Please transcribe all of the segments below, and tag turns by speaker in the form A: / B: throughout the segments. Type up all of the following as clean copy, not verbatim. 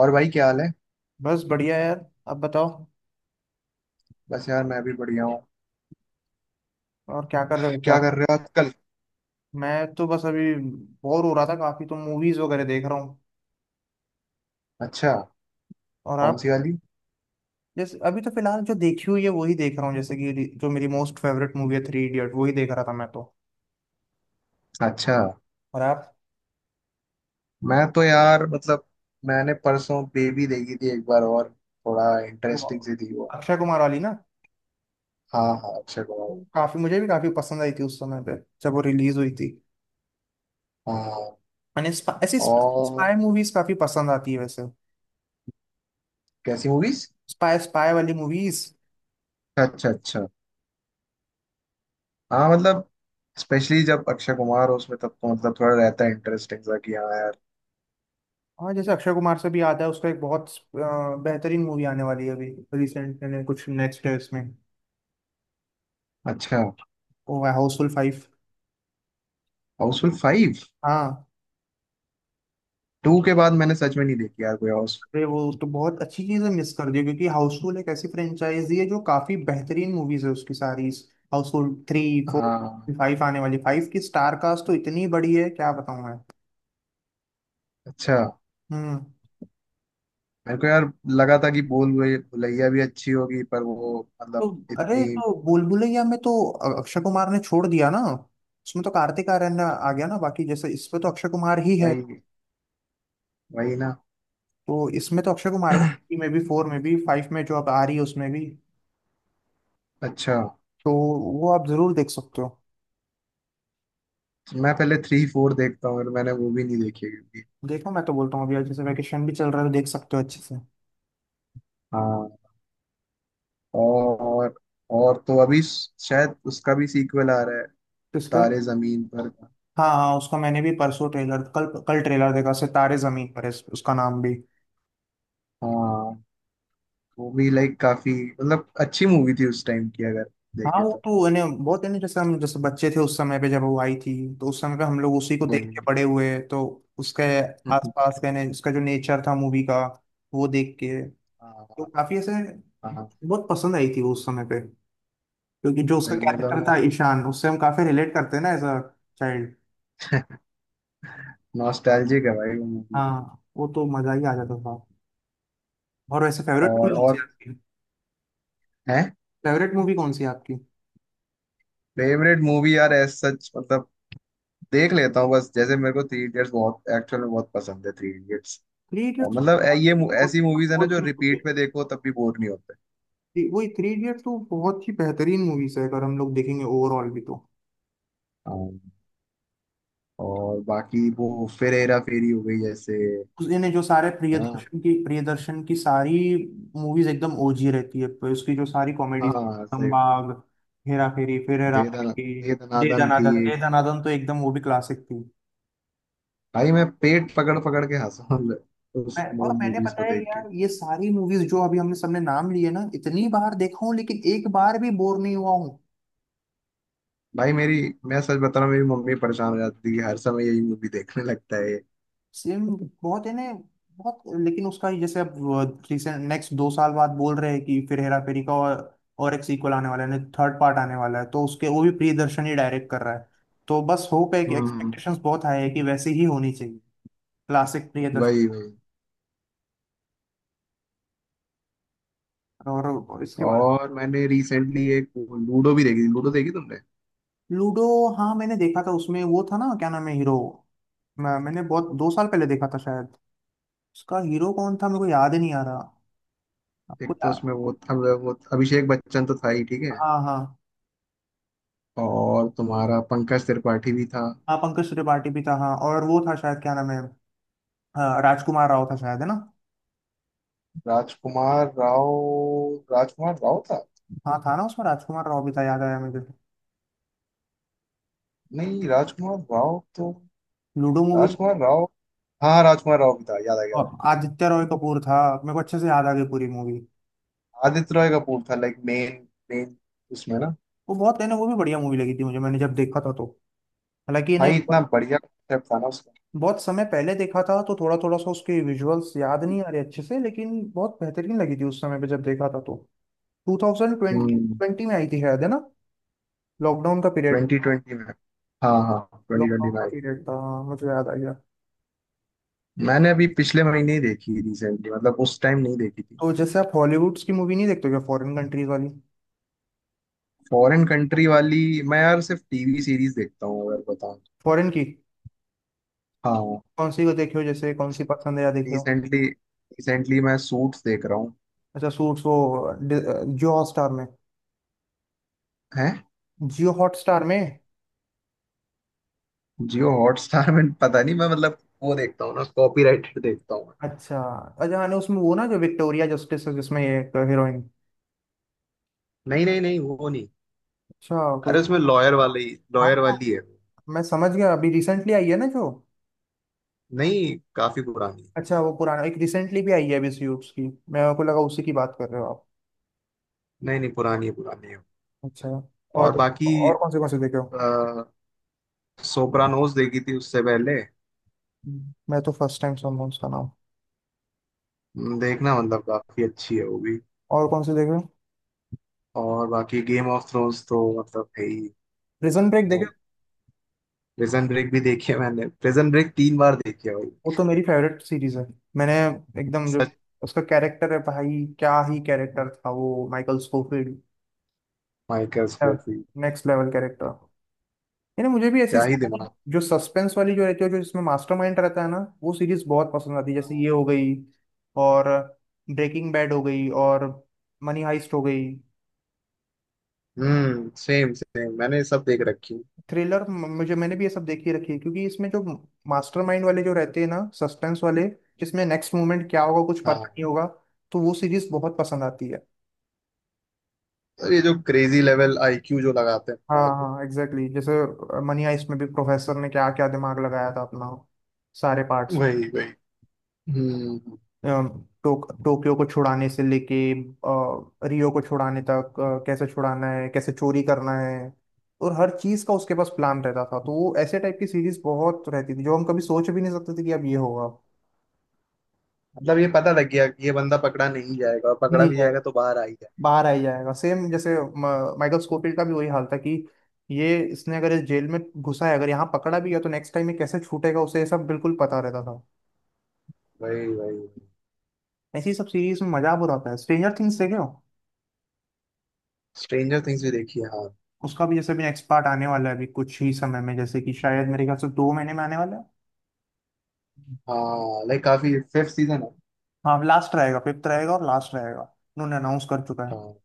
A: और भाई, क्या हाल है।
B: बस बढ़िया यार अब बताओ।
A: बस यार, मैं भी बढ़िया हूँ।
B: और क्या कर रहे हो
A: क्या
B: यार।
A: कर रहे हो आजकल।
B: मैं तो बस अभी बोर हो रहा था काफी तो मूवीज वगैरह देख रहा हूँ।
A: अच्छा।
B: और
A: कौन
B: आप।
A: सी वाली।
B: जैसे अभी तो फिलहाल जो देखी हुई है वही देख रहा हूँ जैसे कि जो मेरी मोस्ट फेवरेट मूवी है थ्री इडियट वही देख रहा था मैं तो।
A: अच्छा।
B: और आप।
A: मैं तो यार मतलब। मैंने परसों बेबी देखी थी एक बार, और थोड़ा
B: वो
A: इंटरेस्टिंग सी थी वो।
B: अक्षय कुमार वाली ना।
A: हाँ, हाँ, अक्षय कुमार।
B: वो काफी मुझे भी काफी पसंद आई थी उस समय पे जब वो रिलीज हुई थी।
A: हाँ।
B: मैंने ऐसी
A: और
B: स्पाई मूवीज काफी पसंद आती है वैसे।
A: कैसी मूवीज।
B: स्पाई स्पाई वाली मूवीज।
A: अच्छा, अच्छा। हाँ, मतलब। स्पेशली जब अक्षय कुमार हो उसमें, तब तो मतलब थोड़ा रहता है इंटरेस्टिंग सा कि हाँ यार।
B: हाँ जैसे अक्षय कुमार से भी आता है उसका एक बहुत बेहतरीन मूवी आने वाली है अभी। रिसेंट में कुछ नेक्स्ट है इसमें।
A: अच्छा।
B: वो है हाउसफुल फाइव।
A: Housefull five.
B: हाँ।
A: टू के बाद मैंने सच में नहीं देखी यार कोई हाउस।
B: अरे वो तो बहुत अच्छी चीज़ है मिस कर दी क्योंकि हाउसफुल एक ऐसी फ्रेंचाइजी है जो काफी बेहतरीन मूवीज है उसकी सारी। हाउसफुल थ्री फोर
A: हाँ।
B: फाइव आने वाली फाइव की स्टार कास्ट तो इतनी बड़ी है क्या बताऊँ मैं।
A: अच्छा।
B: हम्म।
A: मेरे को यार लगा था कि बोल भुलैया भुलैया भी अच्छी होगी, पर वो
B: तो
A: मतलब
B: अरे
A: इतनी।
B: तो बुलबुलैया में तो अक्षय कुमार ने छोड़ दिया ना। उसमें तो कार्तिक आर्यन आ गया ना बाकी जैसे इस पे तो अक्षय कुमार ही है।
A: वही, वही ना।
B: तो इसमें तो अक्षय कुमार है ना, थ्री में भी फोर में भी फाइव में जो अब आ रही है उसमें भी।
A: अच्छा।
B: तो वो आप जरूर देख सकते हो।
A: तो मैं पहले थ्री फोर देखता हूँ, और मैंने वो भी नहीं देखी है क्योंकि।
B: देखो मैं तो बोलता हूँ अभी आज जैसे वैकेशन भी चल रहा है तो देख सकते हो अच्छे से।
A: हाँ। और और तो अभी शायद उसका भी सीक्वल आ रहा है।
B: किसका।
A: तारे जमीन पर का।
B: हाँ हाँ उसका मैंने भी परसों ट्रेलर कल कल ट्रेलर देखा सितारे जमीन पर है उसका नाम भी।
A: हाँ। वो भी लाइक काफी मतलब अच्छी मूवी थी उस टाइम की, अगर
B: हाँ
A: देखे
B: वो
A: तो।
B: तो इन्हें बहुत इन्हें जैसे हम जैसे बच्चे थे उस समय पे जब वो आई थी। तो उस समय पे हम लोग उसी को देख के
A: वही।
B: बड़े हुए तो उसके आसपास का उसका जो नेचर था मूवी का वो देख के। तो
A: हाँ,
B: काफी ऐसे
A: हाँ।
B: बहुत पसंद आई थी वो उस समय पे। क्योंकि जो उसका
A: वही मतलब
B: कैरेक्टर था
A: नॉस्ट
B: ईशान उससे हम काफी रिलेट करते हैं ना एज अ चाइल्ड।
A: नॉस्टैल्जिक है भाई वो मूवी।
B: हाँ वो तो मजा ही आ जाता था। और वैसे फेवरेट
A: और
B: मूवी कौन सी
A: और
B: है आपकी।
A: है।
B: फेवरेट मूवी कौन सी है आपकी।
A: फेवरेट मूवी यार, एज सच मतलब देख लेता हूँ बस। जैसे मेरे को थ्री इडियट्स बहुत एक्चुअल में बहुत पसंद है, थ्री इडियट्स।
B: थ्री इडियट्स तो
A: मतलब ये
B: वाकई बहुत
A: ऐसी मूवीज है ना,
B: बहुत
A: जो
B: ही
A: रिपीट
B: movie
A: पे देखो तब भी बोर नहीं होते।
B: है। वही थ्री इडियट्स तो बहुत ही बेहतरीन मूवीज है अगर हम लोग देखेंगे ओवरऑल भी तो।
A: हाँ। और बाकी वो, फिर हेरा फेरी हो गई जैसे।
B: उसने जो सारे
A: हाँ
B: प्रियदर्शन की सारी मूवीज एकदम ओजी रहती है पर उसकी जो सारी कॉमेडीज।
A: हाँ, सही।
B: दंबाग हेरा फेरी फिर हेरा
A: दे दना
B: फेरी
A: दे दनादन थी
B: दे
A: एक।
B: दनादन तो एकदम वो भी क्लासिक थी।
A: भाई मैं पेट पकड़ पकड़ के हंसा हूं उस
B: मैंने
A: मूवीज
B: पता
A: को
B: है
A: देख के।
B: यार ये सारी मूवीज जो अभी हमने सबने नाम लिए ना इतनी बार देखा हूँ लेकिन एक बार भी बोर नहीं हुआ हूँ।
A: भाई मेरी, मैं सच बता रहा हूँ, मेरी मम्मी परेशान हो जाती है कि हर समय यही मूवी देखने लगता है।
B: सेम बहुत है ना बहुत। लेकिन उसका जैसे अब रिसेंट नेक्स्ट 2 साल बाद बोल रहे हैं कि फिर हेरा फेरी का और एक सीक्वल आने वाला है थर्ड पार्ट आने वाला है तो उसके वो भी प्रियदर्शन ही डायरेक्ट कर रहा है। तो बस होप है कि
A: हम्म।
B: एक्सपेक्टेशंस बहुत हाई है कि वैसे ही होनी चाहिए। क्लासिक
A: वही,
B: प्रियदर्शन।
A: वही।
B: और इसके बाद
A: और मैंने रिसेंटली एक लूडो भी देखी थी। लूडो देखी तुमने?
B: लूडो। हाँ मैंने देखा था उसमें वो था ना क्या नाम है हीरो। मैंने बहुत 2 साल पहले देखा था शायद। उसका हीरो कौन था मेरे को याद ही नहीं आ रहा। आपको
A: एक तो
B: या।
A: उसमें वो अब वो अभिषेक बच्चन तो था ही, ठीक है।
B: हाँ हाँ।
A: और तुम्हारा पंकज त्रिपाठी भी था।
B: हाँ पंकज त्रिपाठी भी था हाँ और वो था शायद क्या नाम है। हाँ, राजकुमार राव था शायद है ना।
A: राजकुमार राव। राजकुमार राव था।
B: हाँ था ना उसमें राजकुमार राव भी था याद आया मुझे।
A: नहीं, राजकुमार राव तो।
B: Ludo movie.
A: राजकुमार राव। हाँ, राजकुमार राव भी था, याद आ गया। याद आ
B: और आदित्य रॉय कपूर था। मेरे को अच्छे से याद आ गई पूरी मूवी।
A: गया। आदित्य रॉय कपूर था, लाइक मेन मेन उसमें ना।
B: वो बहुत है ना वो भी बढ़िया मूवी लगी थी मुझे मैंने जब देखा था तो। हालांकि इन्हें
A: भाई इतना
B: बहुत
A: बढ़िया कॉन्सेप्ट था ना उसका।
B: बहुत समय पहले देखा था तो थोड़ा थोड़ा सा उसके विजुअल्स याद नहीं आ रहे अच्छे से लेकिन बहुत बेहतरीन लगी थी उस समय पे जब देखा था तो। Two thousand
A: hmm.
B: ट्वेंटी में आई थी शायद है ना। लॉकडाउन का पीरियड।
A: 2020 में। हाँ, हाँ, ट्वेंटी
B: लॉकडाउन
A: ट्वेंटी में।
B: का पीरियड था हाँ, मुझे याद आ गया।
A: मैंने अभी पिछले महीने ही देखी रिसेंटली, मतलब उस टाइम नहीं देखी थी।
B: तो जैसे आप हॉलीवुड्स की मूवी नहीं देखते हो क्या फॉरेन कंट्रीज वाली।
A: फॉरेन कंट्री वाली। मैं यार सिर्फ टीवी सीरीज देखता हूँ, अगर बताऊँ तो।
B: फॉरेन की।
A: हाँ।
B: कौन सी को देखे हो जैसे कौन सी पसंद है या देखे हो।
A: रिसेंटली रिसेंटली मैं सूट्स देख रहा हूँ।
B: अच्छा सूट्स वो जियो हॉटस्टार में।
A: हैं।
B: जियो हॉटस्टार में।
A: जियो हॉटस्टार में पता नहीं, मैं मतलब वो देखता हूँ ना, कॉपीराइटेड देखता हूँ।
B: अच्छा अच्छा हाँ नहीं, उसमें वो ना जो विक्टोरिया जस्टिस है जिसमें ये एक हीरोइन।
A: नहीं, नहीं, नहीं, वो नहीं।
B: अच्छा कोई।
A: अरे, उसमें लॉयर वाली।
B: हाँ
A: लॉयर
B: हाँ,
A: वाली है वो।
B: मैं समझ गया अभी रिसेंटली आई है ना जो।
A: नहीं, काफी पुरानी है।
B: अच्छा वो पुराना एक रिसेंटली भी आई है अभी सूट्स की। मैं को लगा उसी की बात कर रहे हो आप।
A: नहीं, नहीं, पुरानी है, पुरानी है।
B: अच्छा।
A: और
B: और
A: बाकी।
B: और कौन से देखे हो।
A: सोप्रानोज देखी थी उससे पहले।
B: हम्म। मैं तो फर्स्ट टाइम सुन रहा हूँ उसका नाम।
A: देखना मतलब काफी अच्छी है वो भी।
B: और कौन से देखे।
A: और बाकी गेम ऑफ थ्रोन्स तो मतलब है ही।
B: प्रिजन ब्रेक देखे।
A: प्रिजन ब्रेक भी देखी है मैंने। प्रिजन ब्रेक तीन बार देखी है भाई।
B: वो तो मेरी फेवरेट सीरीज है। मैंने एकदम जो
A: सच।
B: उसका कैरेक्टर है भाई क्या ही कैरेक्टर था वो Michael Scofield.
A: Michael Scofield.
B: Next level character. यानी मुझे भी ऐसी
A: क्या ही
B: सारी
A: दिमाग।
B: जो सस्पेंस वाली जो रहती है जो जिसमें मास्टरमाइंड रहता है ना वो सीरीज बहुत पसंद आती है जैसे ये
A: हाँ।
B: हो गई और ब्रेकिंग बैड हो गई और मनी हाइस्ट हो गई।
A: हम्म, सेम सेम मैंने सब देख रखी है।
B: थ्रिलर मुझे मैंने भी ये सब देखी रखी है क्योंकि इसमें जो मास्टरमाइंड वाले जो रहते हैं ना सस्पेंस वाले जिसमें नेक्स्ट मोमेंट क्या होगा कुछ पता नहीं
A: हाँ।
B: होगा तो वो सीरीज बहुत पसंद आती है।
A: तो ये जो क्रेजी लेवल आईक्यू जो लगाते हैं
B: हाँ
A: भाई लोग।
B: हाँ एग्जैक्टली exactly। जैसे मनी हाइस्ट में भी प्रोफेसर ने क्या क्या दिमाग लगाया था अपना सारे पार्ट्स
A: वही, वही। हम्म।
B: टोक्यो को छुड़ाने से लेके रियो को छुड़ाने तक कैसे छुड़ाना है कैसे चोरी करना है और हर चीज का उसके पास प्लान रहता था तो वो ऐसे टाइप की सीरीज बहुत रहती थी जो हम कभी सोच भी नहीं सकते थे कि अब ये होगा।
A: मतलब ये पता लग गया कि ये बंदा पकड़ा नहीं जाएगा, और पकड़ा
B: नहीं
A: भी जाएगा तो बाहर आ ही जाएगा।
B: बाहर आ ही जाएगा सेम जैसे माइकल स्कोfield का भी वही हाल था कि ये इसने अगर इस जेल में घुसा है अगर यहाँ पकड़ा भी गया तो नेक्स्ट टाइम ये कैसे छूटेगा उसे ये सब बिल्कुल पता रहता था।
A: वही, वही।
B: ऐसी सब सीरीज में मजा बुरा आता है स्ट्रेंजर थिंग्स देखे हो।
A: स्ट्रेंजर थिंग्स भी देखी है, हाँ।
B: उसका भी जैसे भी नेक्स्ट पार्ट आने वाला है अभी कुछ ही समय में जैसे कि शायद मेरे ख्याल से 2 महीने में आने वाला है।
A: हाँ, लाइक काफी फिफ्थ सीजन है।
B: हाँ लास्ट रहेगा फिफ्थ रहेगा और लास्ट रहेगा। उन्होंने अनाउंस कर चुका है।
A: हाँ,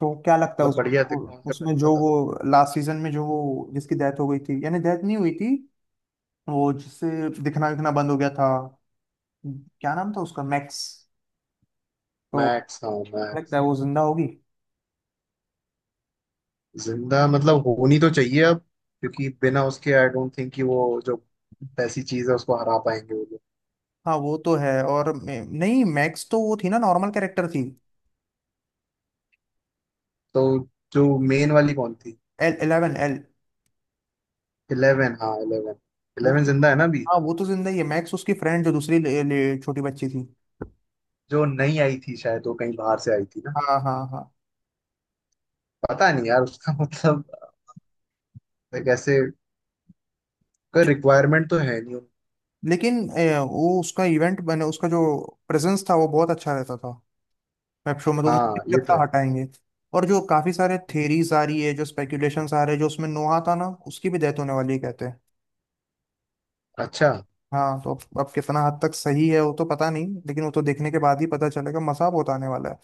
B: तो क्या लगता है
A: मतलब बढ़िया थे,
B: उसमें
A: कॉन्सेप्ट
B: उसमें
A: अच्छा
B: जो
A: था।
B: वो लास्ट सीजन में जो वो जिसकी डेथ हो गई थी यानी डेथ नहीं हुई थी वो जिससे दिखना दिखना बंद हो गया था क्या नाम था उसका मैक्स। तो
A: मैक्स, हाँ
B: लगता
A: मैक्स।
B: है वो जिंदा होगी।
A: जिंदा मतलब होनी तो चाहिए अब। क्योंकि बिना उसके आई डोंट थिंक कि वो जो ऐसी चीज है उसको हरा पाएंगे वो लोग।
B: हाँ वो तो है और नहीं मैक्स तो वो थी ना नॉर्मल कैरेक्टर थी।
A: तो जो मेन वाली कौन थी?
B: El Eleven El.
A: इलेवन, हाँ इलेवन।
B: वो
A: इलेवन
B: तो-
A: जिंदा है ना अभी।
B: हाँ वो तो जिंदा ही है मैक्स उसकी फ्रेंड जो दूसरी ले, ले, छोटी बच्ची थी।
A: जो नई आई थी शायद, वो कहीं बाहर से आई थी ना।
B: हाँ हाँ हाँ।
A: पता नहीं यार उसका मतलब like ऐसे, कोई
B: जि-
A: रिक्वायरमेंट तो है नहीं।
B: लेकिन वो उसका इवेंट बने उसका जो प्रेजेंस था वो बहुत अच्छा रहता था। वेब शो में तो मुझे
A: हाँ,
B: नहीं
A: ये तो
B: लगता
A: है।
B: हटाएंगे। और जो काफी सारे थेरीज आ रही है जो स्पेकुलेशंस आ रहे हैं जो उसमें नोहा था ना उसकी भी डेथ होने वाली है कहते हैं।
A: अच्छा।
B: हाँ तो अब कितना हद तक सही है वो तो पता नहीं लेकिन वो तो देखने के बाद ही पता चलेगा मसा बहुत आने वाला है।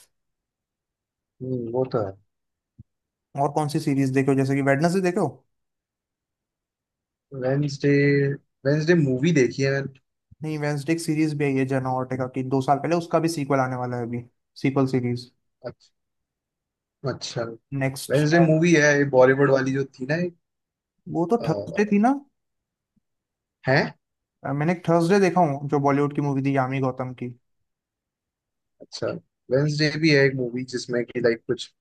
A: वो तो है।
B: और कौन सी सीरीज देखो जैसे कि वेडनेसडे देखो।
A: वेंसडे। वेंसडे मूवी देखी है मैंने।
B: नहीं वेडनेसडे की सीरीज भी आई है जेना ओर्टेगा की 2 साल पहले उसका भी सीक्वल आने वाला है अभी। सीक्वल सीरीज
A: अच्छा, अच्छा।
B: नेक्स्ट
A: वेंसडे
B: शायद।
A: मूवी है ये बॉलीवुड वाली जो थी ना।
B: वो तो
A: आ,
B: थर्सडे थी ना।
A: है।
B: मैंने थर्सडे देखा हूँ जो बॉलीवुड की मूवी थी यामी गौतम की।
A: अच्छा। वेंसडे भी है एक मूवी, जिसमें कि लाइक कुछ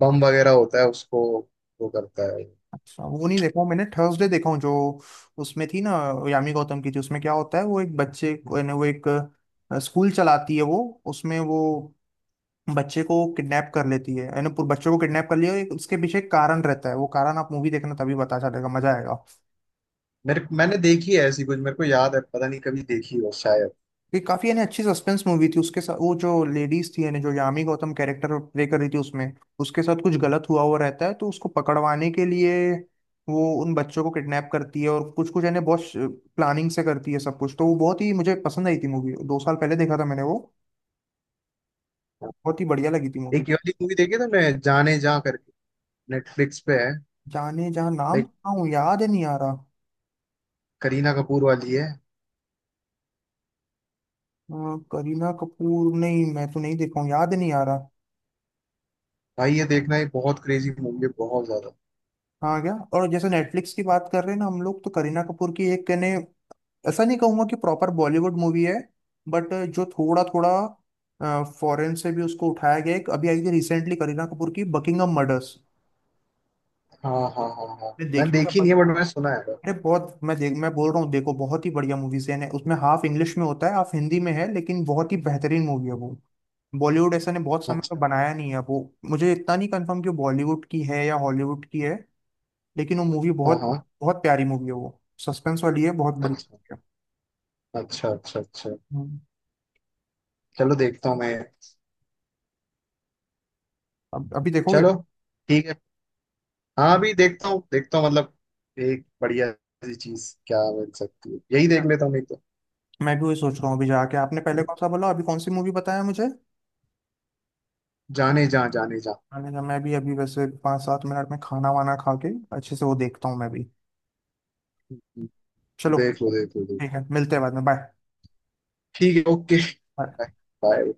A: बम वगैरह होता है उसको वो करता है।
B: अच्छा वो नहीं देखा हूँ मैंने थर्सडे देखा हूँ जो उसमें थी ना यामी गौतम की थी उसमें क्या होता है वो एक बच्चे को- यानी वो एक स्कूल चलाती है वो उसमें वो बच्चे को किडनैप कर लेती है यानी पूरे बच्चे को किडनैप कर लिया एक उसके पीछे एक कारण रहता है वो कारण आप मूवी देखना तभी पता चलेगा मजा आएगा।
A: मेरे मैंने देखी है ऐसी कुछ, मेरे को याद है पता नहीं कभी देखी हो शायद।
B: ये काफी यानी अच्छी सस्पेंस मूवी थी उसके साथ वो जो लेडीज थी यानी जो यामी गौतम कैरेक्टर प्ले कर रही थी उसमें उसके साथ कुछ गलत हुआ हुआ रहता है तो उसको पकड़वाने के लिए वो उन बच्चों को किडनैप करती है और कुछ कुछ यानी बहुत प्लानिंग से करती है सब कुछ तो वो बहुत ही मुझे पसंद आई थी मूवी 2 साल पहले देखा था मैंने वो
A: हाँ।
B: बहुत ही बढ़िया लगी थी मूवी।
A: एक ये वाली मूवी देखी तुमने, जाने जा करके। नेटफ्लिक्स पे है।
B: जाने जहाँ नाम
A: लाइक
B: सुना हूँ याद ही नहीं आ रहा।
A: करीना कपूर वाली है।
B: हाँ, करीना कपूर नहीं मैं तो नहीं देखा हूँ याद नहीं आ रहा।
A: भाई ये देखना, ये बहुत क्रेजी मूवी है बहुत ज्यादा।
B: हाँ क्या और जैसे नेटफ्लिक्स की बात कर रहे हैं ना हम लोग तो करीना कपूर की एक कहने ऐसा नहीं कहूंगा कि प्रॉपर बॉलीवुड मूवी है बट जो थोड़ा थोड़ा फॉरेन से भी उसको उठाया गया एक अभी आई थी रिसेंटली करीना कपूर की बकिंगम मर्डर्स।
A: हाँ, हाँ, हाँ, हाँ।
B: देखी
A: मैंने
B: हो
A: देखी
B: क्या।
A: नहीं है, बट मैंने सुना है।
B: अरे बहुत मैं बोल रहा हूँ देखो बहुत ही बढ़िया मूवीज है उसमें हाफ इंग्लिश में होता है हाफ हिंदी में है लेकिन बहुत ही बेहतरीन मूवी है वो। बॉलीवुड ऐसा ने बहुत समय पर
A: अच्छा।
B: बनाया नहीं है वो। मुझे इतना नहीं कंफर्म कि वो बॉलीवुड की है या हॉलीवुड की है लेकिन वो मूवी
A: हाँ,
B: बहुत
A: हाँ।
B: बहुत प्यारी मूवी है वो सस्पेंस वाली है बहुत बड़ी
A: अच्छा,
B: movie है।
A: अच्छा, अच्छा। अच्छा,
B: हम्म,
A: चलो देखता हूँ मैं।
B: अब अभी देखोगे।
A: चलो। ठीक है। हाँ भी देखता हूँ मतलब। एक बढ़िया सी चीज क्या बन सकती है, यही
B: हाँ।
A: देख लेता हूँ नहीं तो।
B: मैं भी वही सोच रहा हूँ अभी जाके आपने पहले कौन सा बोला अभी कौन सी मूवी बताया मुझे।
A: जाने जा, जाने जा।
B: मैंने कहा मैं भी अभी वैसे 5-7 मिनट में खाना वाना खा के अच्छे से वो देखता हूँ मैं भी। चलो
A: देख लो, देख लो, देख लो।
B: ठीक है मिलते हैं बाद में
A: ठीक है, ओके।
B: बाय।
A: बाय। बाय।